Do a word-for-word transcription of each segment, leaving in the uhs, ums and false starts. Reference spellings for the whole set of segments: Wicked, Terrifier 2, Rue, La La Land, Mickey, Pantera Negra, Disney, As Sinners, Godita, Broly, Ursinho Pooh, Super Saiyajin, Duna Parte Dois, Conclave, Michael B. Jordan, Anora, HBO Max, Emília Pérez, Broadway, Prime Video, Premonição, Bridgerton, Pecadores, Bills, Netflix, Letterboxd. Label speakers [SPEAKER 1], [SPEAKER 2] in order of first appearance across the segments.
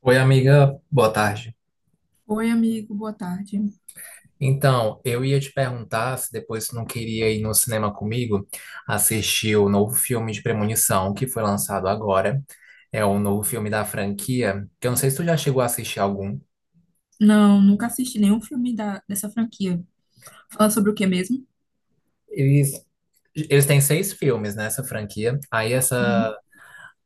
[SPEAKER 1] Oi, amiga, boa tarde.
[SPEAKER 2] Oi, amigo, boa tarde.
[SPEAKER 1] Então, eu ia te perguntar se depois tu não queria ir no cinema comigo assistir o novo filme de Premonição que foi lançado agora. É o novo filme da franquia, que eu não sei se tu já chegou a assistir algum.
[SPEAKER 2] Não, nunca assisti nenhum filme da, dessa franquia. Fala sobre o que mesmo?
[SPEAKER 1] Eles, eles têm seis filmes nessa franquia. Aí essa
[SPEAKER 2] Uhum,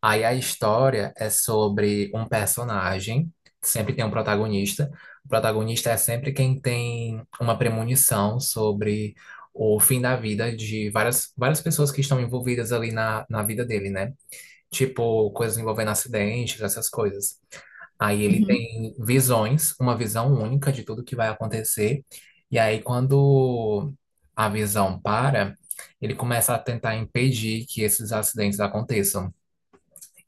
[SPEAKER 1] Aí a história é sobre um personagem, sempre tem um protagonista. O protagonista é sempre quem tem uma premonição sobre o fim da vida de várias, várias pessoas que estão envolvidas ali na, na vida dele, né? Tipo, coisas envolvendo acidentes, essas coisas. Aí ele
[SPEAKER 2] uhum,
[SPEAKER 1] tem visões, uma visão única de tudo que vai acontecer. E aí, quando a visão para, ele começa a tentar impedir que esses acidentes aconteçam.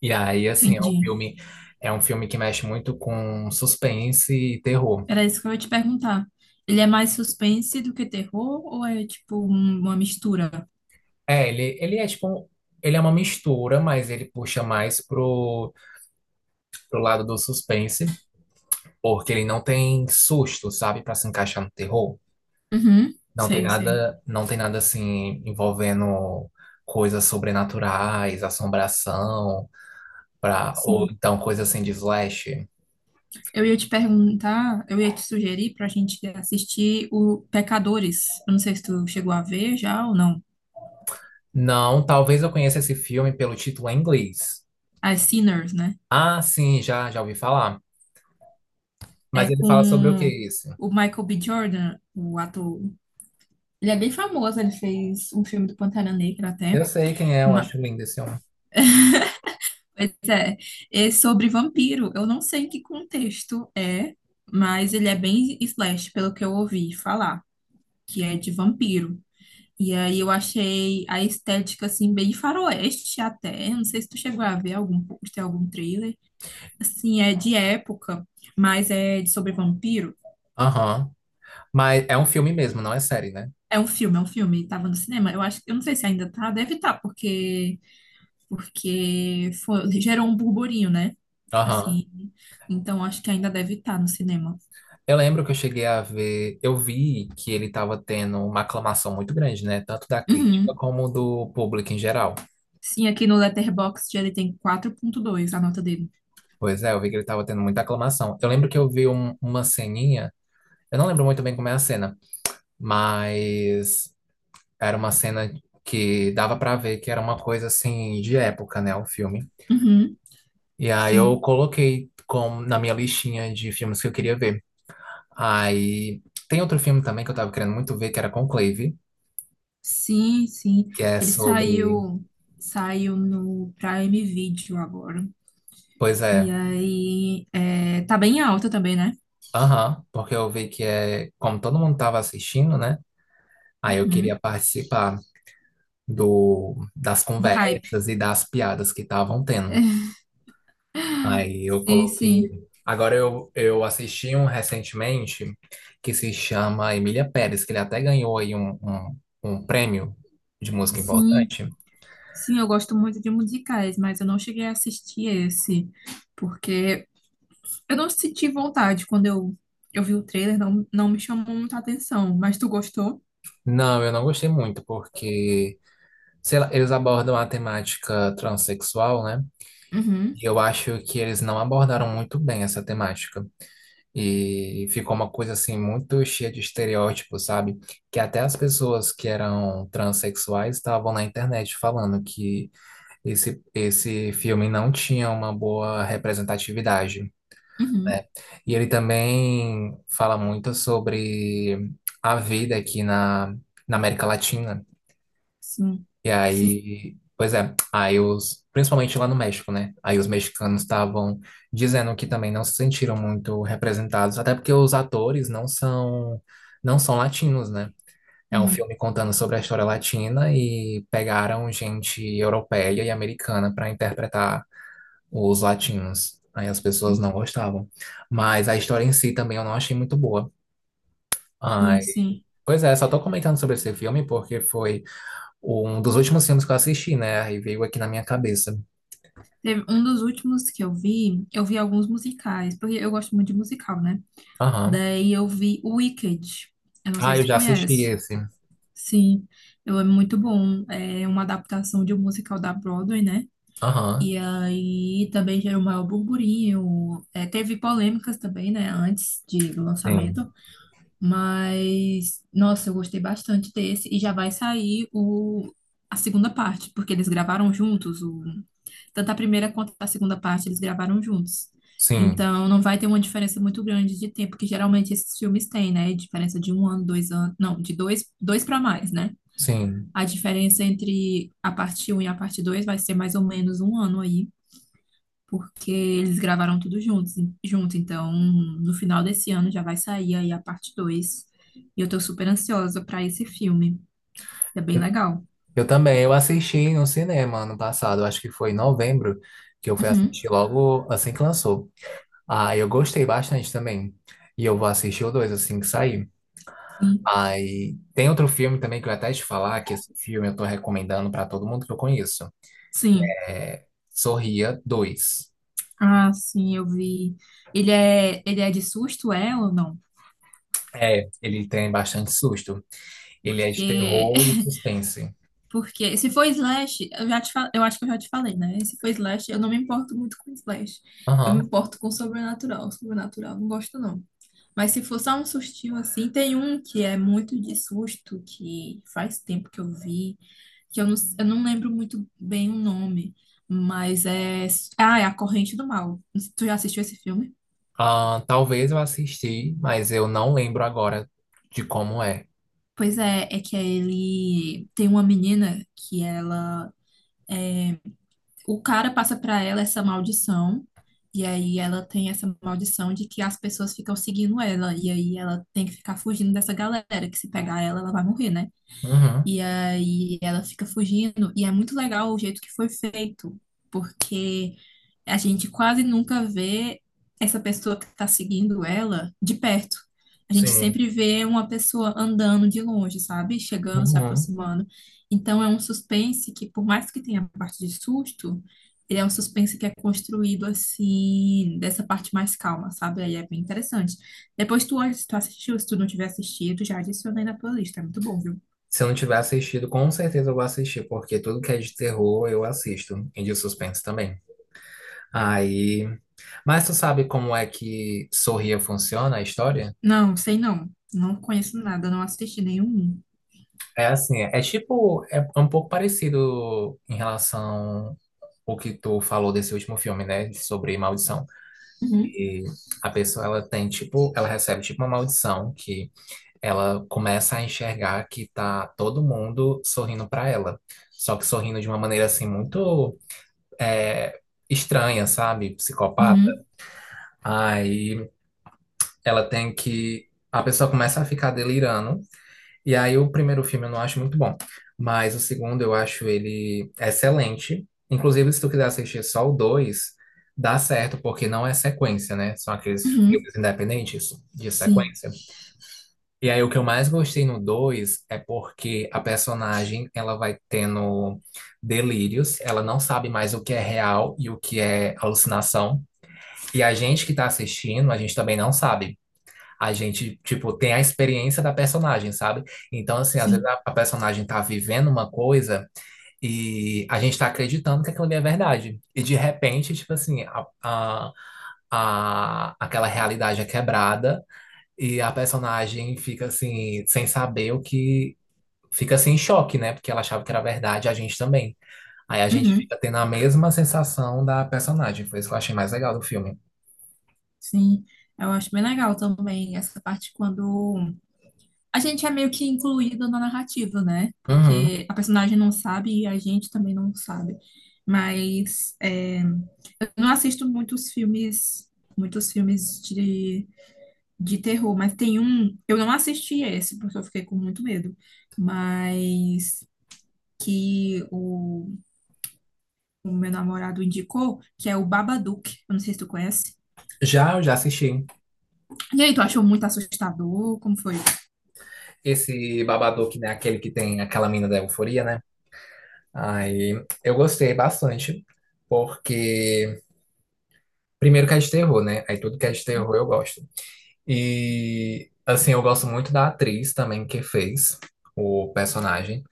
[SPEAKER 1] E aí, assim, é um
[SPEAKER 2] entendi.
[SPEAKER 1] filme, é um filme que mexe muito com suspense e terror.
[SPEAKER 2] Era isso que eu ia te perguntar. Ele é mais suspense do que terror ou é tipo um- uma mistura?
[SPEAKER 1] É, ele, ele é tipo, um- ele é uma mistura, mas ele puxa mais pro, pro lado do suspense, porque ele não tem susto, sabe, pra se encaixar no terror.
[SPEAKER 2] Uhum,
[SPEAKER 1] Não tem
[SPEAKER 2] sei, sei.
[SPEAKER 1] nada, não tem nada assim envolvendo coisas sobrenaturais, assombração, pra, ou
[SPEAKER 2] Sim.
[SPEAKER 1] então coisa assim de slash.
[SPEAKER 2] Eu ia te perguntar, eu ia te sugerir pra gente assistir o Pecadores. Eu não sei se tu chegou a ver já ou não.
[SPEAKER 1] Não, talvez eu conheça esse filme pelo título em inglês.
[SPEAKER 2] As Sinners, né?
[SPEAKER 1] Ah, sim, já, já ouvi falar. Mas
[SPEAKER 2] É
[SPEAKER 1] ele fala sobre o que
[SPEAKER 2] com
[SPEAKER 1] isso?
[SPEAKER 2] o Michael B. Jordan, o ator. Ele é bem famoso, ele fez um filme do Pantera Negra até.
[SPEAKER 1] Eu sei quem é, eu
[SPEAKER 2] ma-
[SPEAKER 1] acho lindo esse homem.
[SPEAKER 2] Pois é, é sobre vampiro. Eu não sei em que contexto é, mas ele é bem slash, pelo que eu ouvi falar, que é de vampiro. E aí eu achei a estética, assim, bem faroeste até. Não sei se tu chegou a ver algum pôster, algum trailer. Assim, é de época, mas é de sobre vampiro.
[SPEAKER 1] Aham. Mas é um filme mesmo, não é série, né?
[SPEAKER 2] É um filme, é um filme. Tava no cinema. Eu acho, eu não sei se ainda tá, deve estar, porque porque foi- gerou um burburinho, né?
[SPEAKER 1] Aham.
[SPEAKER 2] Assim, então acho que ainda deve estar no cinema.
[SPEAKER 1] Eu lembro que eu cheguei a ver, eu vi que ele estava tendo uma aclamação muito grande, né? Tanto da crítica
[SPEAKER 2] Uhum.
[SPEAKER 1] como do público em geral.
[SPEAKER 2] Sim, aqui no Letterboxd ele tem quatro ponto dois a nota dele.
[SPEAKER 1] Pois é, eu vi que ele estava tendo muita aclamação. Eu lembro que eu vi um- uma ceninha, eu não lembro muito bem como é a cena, mas era uma cena que dava pra ver que era uma coisa assim de época, né? O filme.
[SPEAKER 2] Uhum.
[SPEAKER 1] E aí
[SPEAKER 2] Sim,
[SPEAKER 1] eu coloquei como na minha listinha de filmes que eu queria ver. Aí tem outro filme também que eu tava querendo muito ver, que era Conclave,
[SPEAKER 2] sim, sim.
[SPEAKER 1] que é
[SPEAKER 2] Ele
[SPEAKER 1] sobre.
[SPEAKER 2] saiu, saiu no Prime Video agora.
[SPEAKER 1] Pois
[SPEAKER 2] E
[SPEAKER 1] é,
[SPEAKER 2] aí, é, tá bem alta também, né?
[SPEAKER 1] aham, porque eu vi que é. Como todo mundo tava assistindo, né? Aí eu
[SPEAKER 2] Uhum.
[SPEAKER 1] queria participar do, das
[SPEAKER 2] Do hype.
[SPEAKER 1] conversas e das piadas que estavam tendo. Aí eu
[SPEAKER 2] Sim, sim,
[SPEAKER 1] coloquei. Agora eu, eu assisti um recentemente que se chama Emília Pérez, que ele até ganhou aí um, um, um prêmio de música
[SPEAKER 2] sim,
[SPEAKER 1] importante.
[SPEAKER 2] sim, eu gosto muito de musicais, mas eu não cheguei a assistir esse, porque Eu não senti vontade quando eu, eu vi o trailer, não, não me chamou muita atenção. Mas tu gostou?
[SPEAKER 1] Não, eu não gostei muito, porque, sei lá, eles abordam a temática transexual, né?
[SPEAKER 2] Uhum,
[SPEAKER 1] E eu acho que eles não abordaram muito bem essa temática. E ficou uma coisa assim muito cheia de estereótipos, sabe? Que até as pessoas que eram transexuais estavam na internet falando que esse, esse filme não tinha uma boa representatividade.
[SPEAKER 2] uhum,
[SPEAKER 1] E ele também fala muito sobre a vida aqui na, na América Latina.
[SPEAKER 2] sim,
[SPEAKER 1] E
[SPEAKER 2] sim,
[SPEAKER 1] aí, pois é, aí os, principalmente lá no México, né? Aí os mexicanos estavam dizendo que também não se sentiram muito representados, até porque os atores não são, não são latinos, né? É um
[SPEAKER 2] uhum,
[SPEAKER 1] filme contando sobre a história latina e pegaram gente europeia e americana para interpretar os latinos. Aí as pessoas
[SPEAKER 2] uhum,
[SPEAKER 1] não gostavam. Mas a história em si também eu não achei muito boa.
[SPEAKER 2] sim,
[SPEAKER 1] Ai,
[SPEAKER 2] sim.
[SPEAKER 1] pois é, só tô comentando sobre esse filme porque foi um dos últimos filmes que eu assisti, né? Aí veio aqui na minha cabeça.
[SPEAKER 2] Teve um dos últimos que eu vi, eu vi alguns musicais, porque eu gosto muito de musical, né?
[SPEAKER 1] Aham.
[SPEAKER 2] Daí eu vi o Wicked. Eu não sei
[SPEAKER 1] Ah,
[SPEAKER 2] se
[SPEAKER 1] eu
[SPEAKER 2] tu
[SPEAKER 1] já assisti
[SPEAKER 2] conhece.
[SPEAKER 1] esse.
[SPEAKER 2] Sim, eu é muito bom. É uma adaptação de um musical da Broadway, né?
[SPEAKER 1] Aham.
[SPEAKER 2] E aí também gerou o maior burburinho. É, teve polêmicas também, né? Antes de, do lançamento.
[SPEAKER 1] Sim.
[SPEAKER 2] Mas, nossa, eu gostei bastante desse. E já vai sair o, a segunda parte, porque eles gravaram juntos. O, tanto a primeira quanto a segunda parte, eles gravaram juntos.
[SPEAKER 1] Sim.
[SPEAKER 2] Então, não vai ter uma diferença muito grande de tempo, que geralmente esses filmes têm, né? Diferença de um ano, dois anos. Não, de dois, dois para mais, né?
[SPEAKER 1] Sim.
[SPEAKER 2] A diferença entre a parte um e a parte dois vai ser mais ou menos um ano aí porque eles gravaram tudo juntos, junto. Então, no final desse ano já vai sair aí a parte dois. E eu tô super ansiosa pra esse filme. É bem
[SPEAKER 1] Eu,
[SPEAKER 2] legal.
[SPEAKER 1] eu também. Eu assisti no cinema ano passado. Acho que foi em novembro que eu fui
[SPEAKER 2] Uhum,
[SPEAKER 1] assistir logo assim que lançou. Ah, eu gostei bastante também. E eu vou assistir o dois assim que sair.
[SPEAKER 2] sim,
[SPEAKER 1] Aí tem outro filme também que eu ia até te falar, que esse filme eu tô recomendando pra todo mundo que eu conheço.
[SPEAKER 2] sim.
[SPEAKER 1] É Sorria dois.
[SPEAKER 2] Ah, sim, eu vi. Ele é, ele é de susto, é ou não?
[SPEAKER 1] É, ele tem bastante susto. Ele é de
[SPEAKER 2] Porque
[SPEAKER 1] terror e suspense.
[SPEAKER 2] porque se for slash, eu já te fa- eu acho que eu já te falei, né? Se for slash, eu não me importo muito com slash. Eu me
[SPEAKER 1] Aham.
[SPEAKER 2] importo com sobrenatural. Sobrenatural, não gosto não. Mas se for só um sustinho assim, tem um que é muito de susto, que faz tempo que eu vi, que eu não, eu não lembro muito bem o nome, mas é. Ah, é A Corrente do Mal. Tu já assistiu esse filme?
[SPEAKER 1] Ah, talvez eu assisti, mas eu não lembro agora de como é.
[SPEAKER 2] Pois é, é que ele tem uma menina que ela. O cara passa pra ela essa maldição, e aí ela tem essa maldição de que as pessoas ficam seguindo ela, e aí ela tem que ficar fugindo dessa galera, que se pegar ela, ela vai morrer, né?
[SPEAKER 1] Uhum.
[SPEAKER 2] E aí ela fica fugindo. E é muito legal o jeito que foi feito, porque a gente quase nunca vê essa pessoa que está seguindo ela de perto. A gente
[SPEAKER 1] Sim.
[SPEAKER 2] sempre vê uma pessoa andando de longe, sabe? Chegando, se
[SPEAKER 1] Uhum.
[SPEAKER 2] aproximando. Então é um suspense que, por mais que tenha a parte de susto, ele é um suspense que é construído assim, dessa parte mais calma, sabe? Aí é bem interessante. Depois tu, tu assistiu, se tu não tiver assistido, já adicionei na tua lista. É muito bom, viu?
[SPEAKER 1] Se eu não tiver assistido, com certeza eu vou assistir, porque tudo que é de terror eu assisto, e de suspense também. Aí. Mas tu sabe como é que Sorria funciona a história?
[SPEAKER 2] Não, sei não. Não conheço nada, não assisti nenhum.
[SPEAKER 1] É assim, é tipo, é um pouco parecido em relação ao que tu falou desse último filme, né? Sobre maldição.
[SPEAKER 2] Uhum.
[SPEAKER 1] E a pessoa, ela tem, tipo, ela recebe, tipo, uma maldição que ela começa a enxergar que tá todo mundo sorrindo pra ela. Só que sorrindo de uma maneira, assim, muito é, estranha, sabe? Psicopata.
[SPEAKER 2] Uhum,
[SPEAKER 1] Aí ela tem que... A pessoa começa a ficar delirando e aí o primeiro filme eu não acho muito bom, mas o segundo eu acho ele excelente. Inclusive, se tu quiser assistir só o dois, dá certo, porque não é sequência, né? São aqueles
[SPEAKER 2] uhum,
[SPEAKER 1] filmes independentes de
[SPEAKER 2] sim,
[SPEAKER 1] sequência. E aí o que eu mais gostei no dois é porque a personagem, ela vai tendo delírios, ela não sabe mais o que é real e o que é alucinação. E a gente que tá assistindo, a gente também não sabe a gente, tipo, tem a experiência da personagem, sabe? Então, assim, às vezes
[SPEAKER 2] sim,
[SPEAKER 1] a, a personagem tá vivendo uma coisa e a gente tá acreditando que aquilo ali é verdade. E de repente, tipo assim, a, a, a- aquela realidade é quebrada e a personagem fica assim, sem saber o que. Fica assim em choque, né? Porque ela achava que era verdade, a gente também. Aí a gente
[SPEAKER 2] uhum,
[SPEAKER 1] fica tendo a mesma sensação da personagem. Foi isso que eu achei mais legal do filme.
[SPEAKER 2] sim. Eu acho bem legal também essa parte quando a gente é meio que incluído na narrativa, né?
[SPEAKER 1] Uhum.
[SPEAKER 2] Porque a personagem não sabe e a gente também não sabe. Mas é, eu não assisto muitos filmes, muitos filmes de, de terror, mas tem um, eu não assisti esse porque eu fiquei com muito medo, mas que o o meu namorado indicou, que é o Babadook. Eu não sei se tu conhece.
[SPEAKER 1] Já, eu já assisti.
[SPEAKER 2] E aí, tu achou muito assustador? Como foi?
[SPEAKER 1] Esse Babadook, né? Aquele que tem aquela mina da euforia, né? Aí eu gostei bastante, porque primeiro que é de terror, né? Aí tudo que é de terror eu gosto. E assim, eu gosto muito da atriz também que fez o personagem.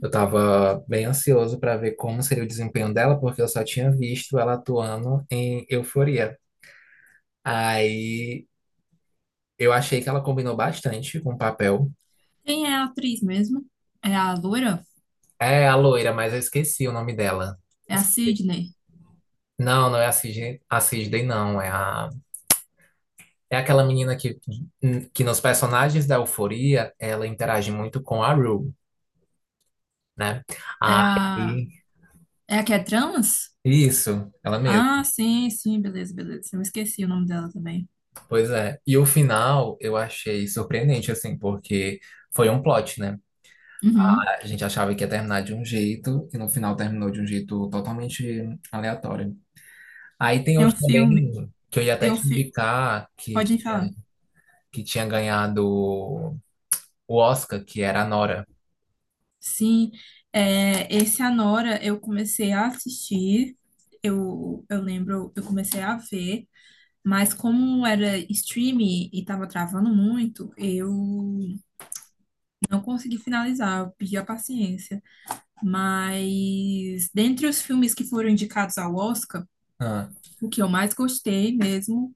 [SPEAKER 1] Eu tava bem ansioso pra ver como seria o desempenho dela, porque eu só tinha visto ela atuando em Euforia. Aí eu achei que ela combinou bastante com o papel.
[SPEAKER 2] Quem é a atriz mesmo? É a loira?
[SPEAKER 1] É a loira, mas eu esqueci o nome dela.
[SPEAKER 2] É a Sydney?
[SPEAKER 1] Não, não é a Cis- a Cisne, não. É, a, é aquela menina que, que nos personagens da Euforia, ela interage muito com a Rue, né?
[SPEAKER 2] É a...
[SPEAKER 1] Aí,
[SPEAKER 2] É a que é trans?
[SPEAKER 1] isso, ela mesma.
[SPEAKER 2] Ah, sim, sim, beleza, beleza. Eu esqueci o nome dela também.
[SPEAKER 1] Pois é. E o final eu achei surpreendente, assim, porque foi um plot, né?
[SPEAKER 2] Uhum.
[SPEAKER 1] A gente achava que ia terminar de um jeito, e no final terminou de um jeito totalmente aleatório. Aí tem
[SPEAKER 2] Tem um
[SPEAKER 1] outro também
[SPEAKER 2] filme,
[SPEAKER 1] que eu ia
[SPEAKER 2] tem
[SPEAKER 1] até
[SPEAKER 2] um
[SPEAKER 1] te
[SPEAKER 2] filme...
[SPEAKER 1] indicar que
[SPEAKER 2] Pode ir
[SPEAKER 1] tinha,
[SPEAKER 2] falar.
[SPEAKER 1] que tinha ganhado o Oscar, que era a Nora.
[SPEAKER 2] Sim, é, esse Anora eu comecei a assistir, eu, eu lembro, eu comecei a ver, mas como era streaming e tava travando muito, eu não consegui finalizar, eu pedi a paciência. Mas dentre os filmes que foram indicados ao Oscar,
[SPEAKER 1] Ah,
[SPEAKER 2] o que eu mais gostei mesmo,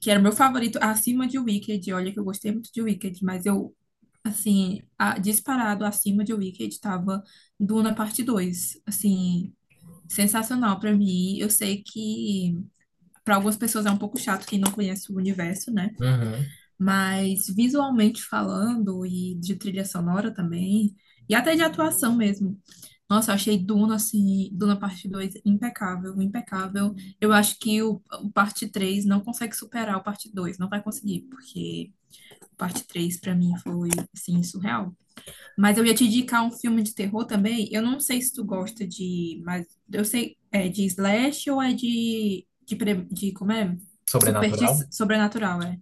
[SPEAKER 2] que era o meu favorito acima de Wicked, olha que eu gostei muito de Wicked, mas eu assim, a- disparado acima de Wicked tava Duna Parte Dois, assim, sensacional pra mim. Eu sei que pra algumas pessoas é um pouco chato quem não conhece o universo, né?
[SPEAKER 1] uhum.
[SPEAKER 2] Mas visualmente falando, e de trilha sonora também, e até de atuação mesmo. Nossa, eu achei Duna, assim, Duna Parte dois impecável, impecável. Eu acho que o, o Parte três não consegue superar o Parte dois não vai conseguir, porque o Parte três pra mim foi, assim, surreal. Mas eu ia te indicar um filme de terror também, eu não sei se tu gosta de, mas eu sei, é de slash ou é de, de, pre- de como é? Superti
[SPEAKER 1] Sobrenatural?
[SPEAKER 2] sobrenatural, é.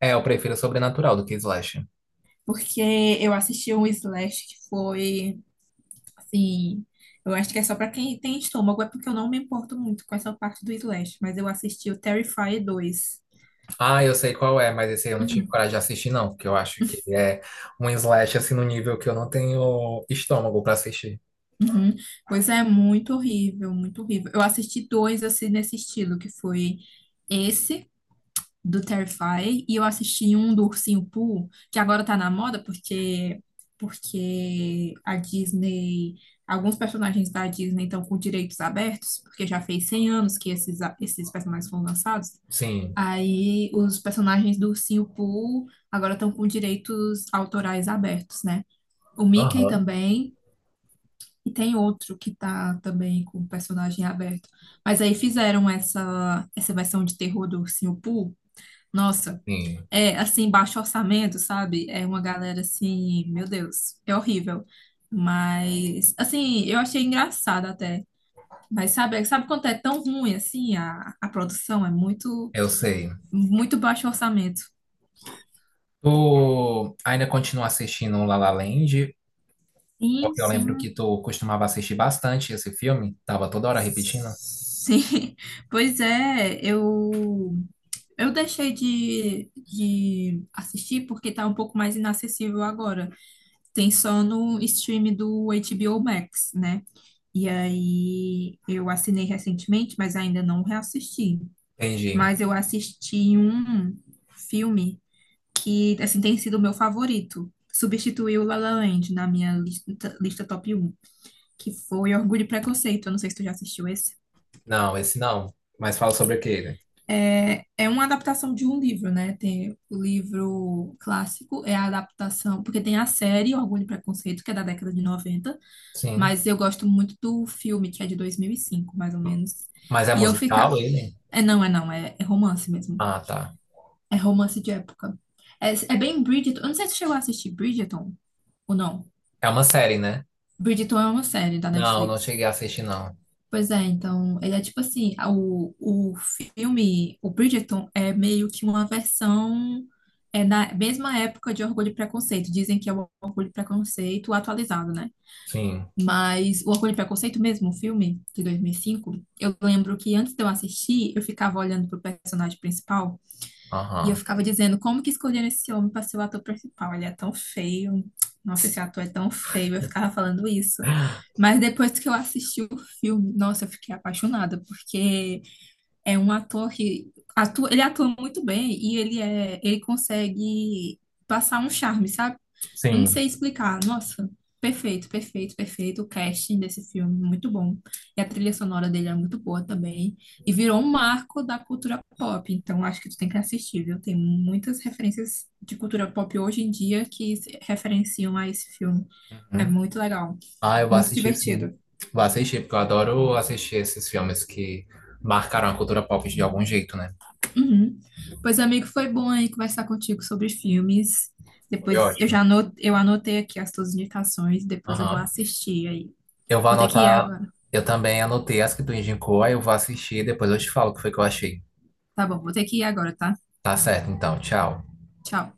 [SPEAKER 1] É, eu prefiro Sobrenatural do que Slash.
[SPEAKER 2] Porque eu assisti um Slash que foi, assim, eu acho que é só pra quem tem estômago, é porque eu não me importo muito com essa parte do Slash, mas eu assisti o Terrifier dois.
[SPEAKER 1] Ah, eu sei qual é, mas esse aí eu não tive
[SPEAKER 2] Uhum,
[SPEAKER 1] coragem de assistir, não, porque eu acho que é um Slash assim no nível que eu não tenho estômago pra assistir.
[SPEAKER 2] uhum. Pois é, muito horrível, muito horrível. Eu assisti dois, assim, nesse estilo, que foi esse do Terrify e eu assisti um do Ursinho Pooh, que agora tá na moda porque porque a Disney, alguns personagens da Disney estão com direitos abertos, porque já fez cem anos que esses a- esses personagens foram lançados.
[SPEAKER 1] Sim.
[SPEAKER 2] Aí os personagens do Ursinho Pooh agora estão com direitos autorais abertos, né? O Mickey
[SPEAKER 1] Aham.
[SPEAKER 2] também e tem outro que tá também com personagem aberto. Mas aí fizeram essa essa versão de terror do Ursinho Pooh. Nossa,
[SPEAKER 1] Sim,
[SPEAKER 2] é, assim, baixo orçamento, sabe? É uma galera assim, meu Deus, é horrível. Mas, assim, eu achei engraçado até. Mas sabe, sabe quando é tão ruim assim a, a produção? É muito,
[SPEAKER 1] eu sei.
[SPEAKER 2] muito baixo orçamento.
[SPEAKER 1] Tu ainda continua assistindo La La Land?
[SPEAKER 2] Sim,
[SPEAKER 1] Porque eu lembro
[SPEAKER 2] sim.
[SPEAKER 1] que tu costumava assistir bastante esse filme, tava toda hora repetindo.
[SPEAKER 2] Sim. Pois é, eu, eu deixei de, de assistir porque tá um pouco mais inacessível agora. Tem só no stream do H B O Max, né? E aí eu assinei recentemente, mas ainda não reassisti.
[SPEAKER 1] Entendi.
[SPEAKER 2] Mas eu assisti um filme que assim tem sido o meu favorito. Substituiu o La La Land na minha lista, lista top um, que foi Orgulho e Preconceito. Eu não sei se tu já assistiu esse.
[SPEAKER 1] Não, esse não. Mas fala sobre o que ele?
[SPEAKER 2] É, é uma adaptação de um livro, né? Tem o livro clássico, é a adaptação, porque tem a série Orgulho e Preconceito, que é da década de noventa,
[SPEAKER 1] Sim.
[SPEAKER 2] mas eu gosto muito do filme, que é de dois mil e cinco, mais ou menos.
[SPEAKER 1] Mas é
[SPEAKER 2] E eu
[SPEAKER 1] musical
[SPEAKER 2] fica,
[SPEAKER 1] ele?
[SPEAKER 2] é, não, é não, é, é romance mesmo.
[SPEAKER 1] Ah, tá.
[SPEAKER 2] É romance de época. É, é bem Bridgerton. Eu não sei se você chegou a assistir Bridgerton ou não.
[SPEAKER 1] É uma série, né?
[SPEAKER 2] Bridgerton é uma série da
[SPEAKER 1] Não, não
[SPEAKER 2] Netflix.
[SPEAKER 1] cheguei a assistir, não.
[SPEAKER 2] Pois é, então, ele é tipo assim, a- o, o filme, o Bridgerton é meio que uma versão é na mesma época de Orgulho e Preconceito. Dizem que é o Orgulho e Preconceito atualizado, né?
[SPEAKER 1] Sim.
[SPEAKER 2] Mas o Orgulho e Preconceito mesmo, o filme de dois mil e cinco, eu lembro que antes de eu assistir, eu ficava olhando pro personagem principal. E eu
[SPEAKER 1] Aham.
[SPEAKER 2] ficava dizendo, como que escolheram esse homem para ser o ator principal? Ele é tão feio. Nossa, esse ator é tão feio. Eu ficava falando isso. Mas depois que eu assisti o filme, nossa, eu fiquei apaixonada, porque é um ator que atua, ele atua muito bem e ele é, ele consegue passar um charme, sabe? Eu não
[SPEAKER 1] Sim.
[SPEAKER 2] sei explicar. Nossa, perfeito, perfeito, perfeito. O casting desse filme, muito bom. E a trilha sonora dele é muito boa também. E virou um marco da cultura pop. Então, acho que tu tem que assistir, viu? Tem muitas referências de cultura pop hoje em dia que se referenciam a esse filme. É
[SPEAKER 1] Uhum.
[SPEAKER 2] muito legal,
[SPEAKER 1] Ah, eu vou
[SPEAKER 2] muito
[SPEAKER 1] assistir, sim.
[SPEAKER 2] divertido.
[SPEAKER 1] Vou assistir, porque eu adoro assistir esses filmes que marcaram a cultura pop de algum jeito, né?
[SPEAKER 2] Uhum. Pois, amigo, foi bom aí conversar contigo sobre filmes.
[SPEAKER 1] Foi
[SPEAKER 2] Depois eu
[SPEAKER 1] ótimo.
[SPEAKER 2] já anot eu anotei aqui as tuas indicações, depois eu vou
[SPEAKER 1] Aham.
[SPEAKER 2] assistir aí.
[SPEAKER 1] Eu vou
[SPEAKER 2] Vou ter que ir
[SPEAKER 1] anotar.
[SPEAKER 2] agora.
[SPEAKER 1] Eu também anotei as que tu indicou, aí eu vou assistir e depois eu te falo o que foi que eu achei.
[SPEAKER 2] Tá bom, vou ter que ir agora, tá?
[SPEAKER 1] Tá certo, então. Tchau.
[SPEAKER 2] Tchau.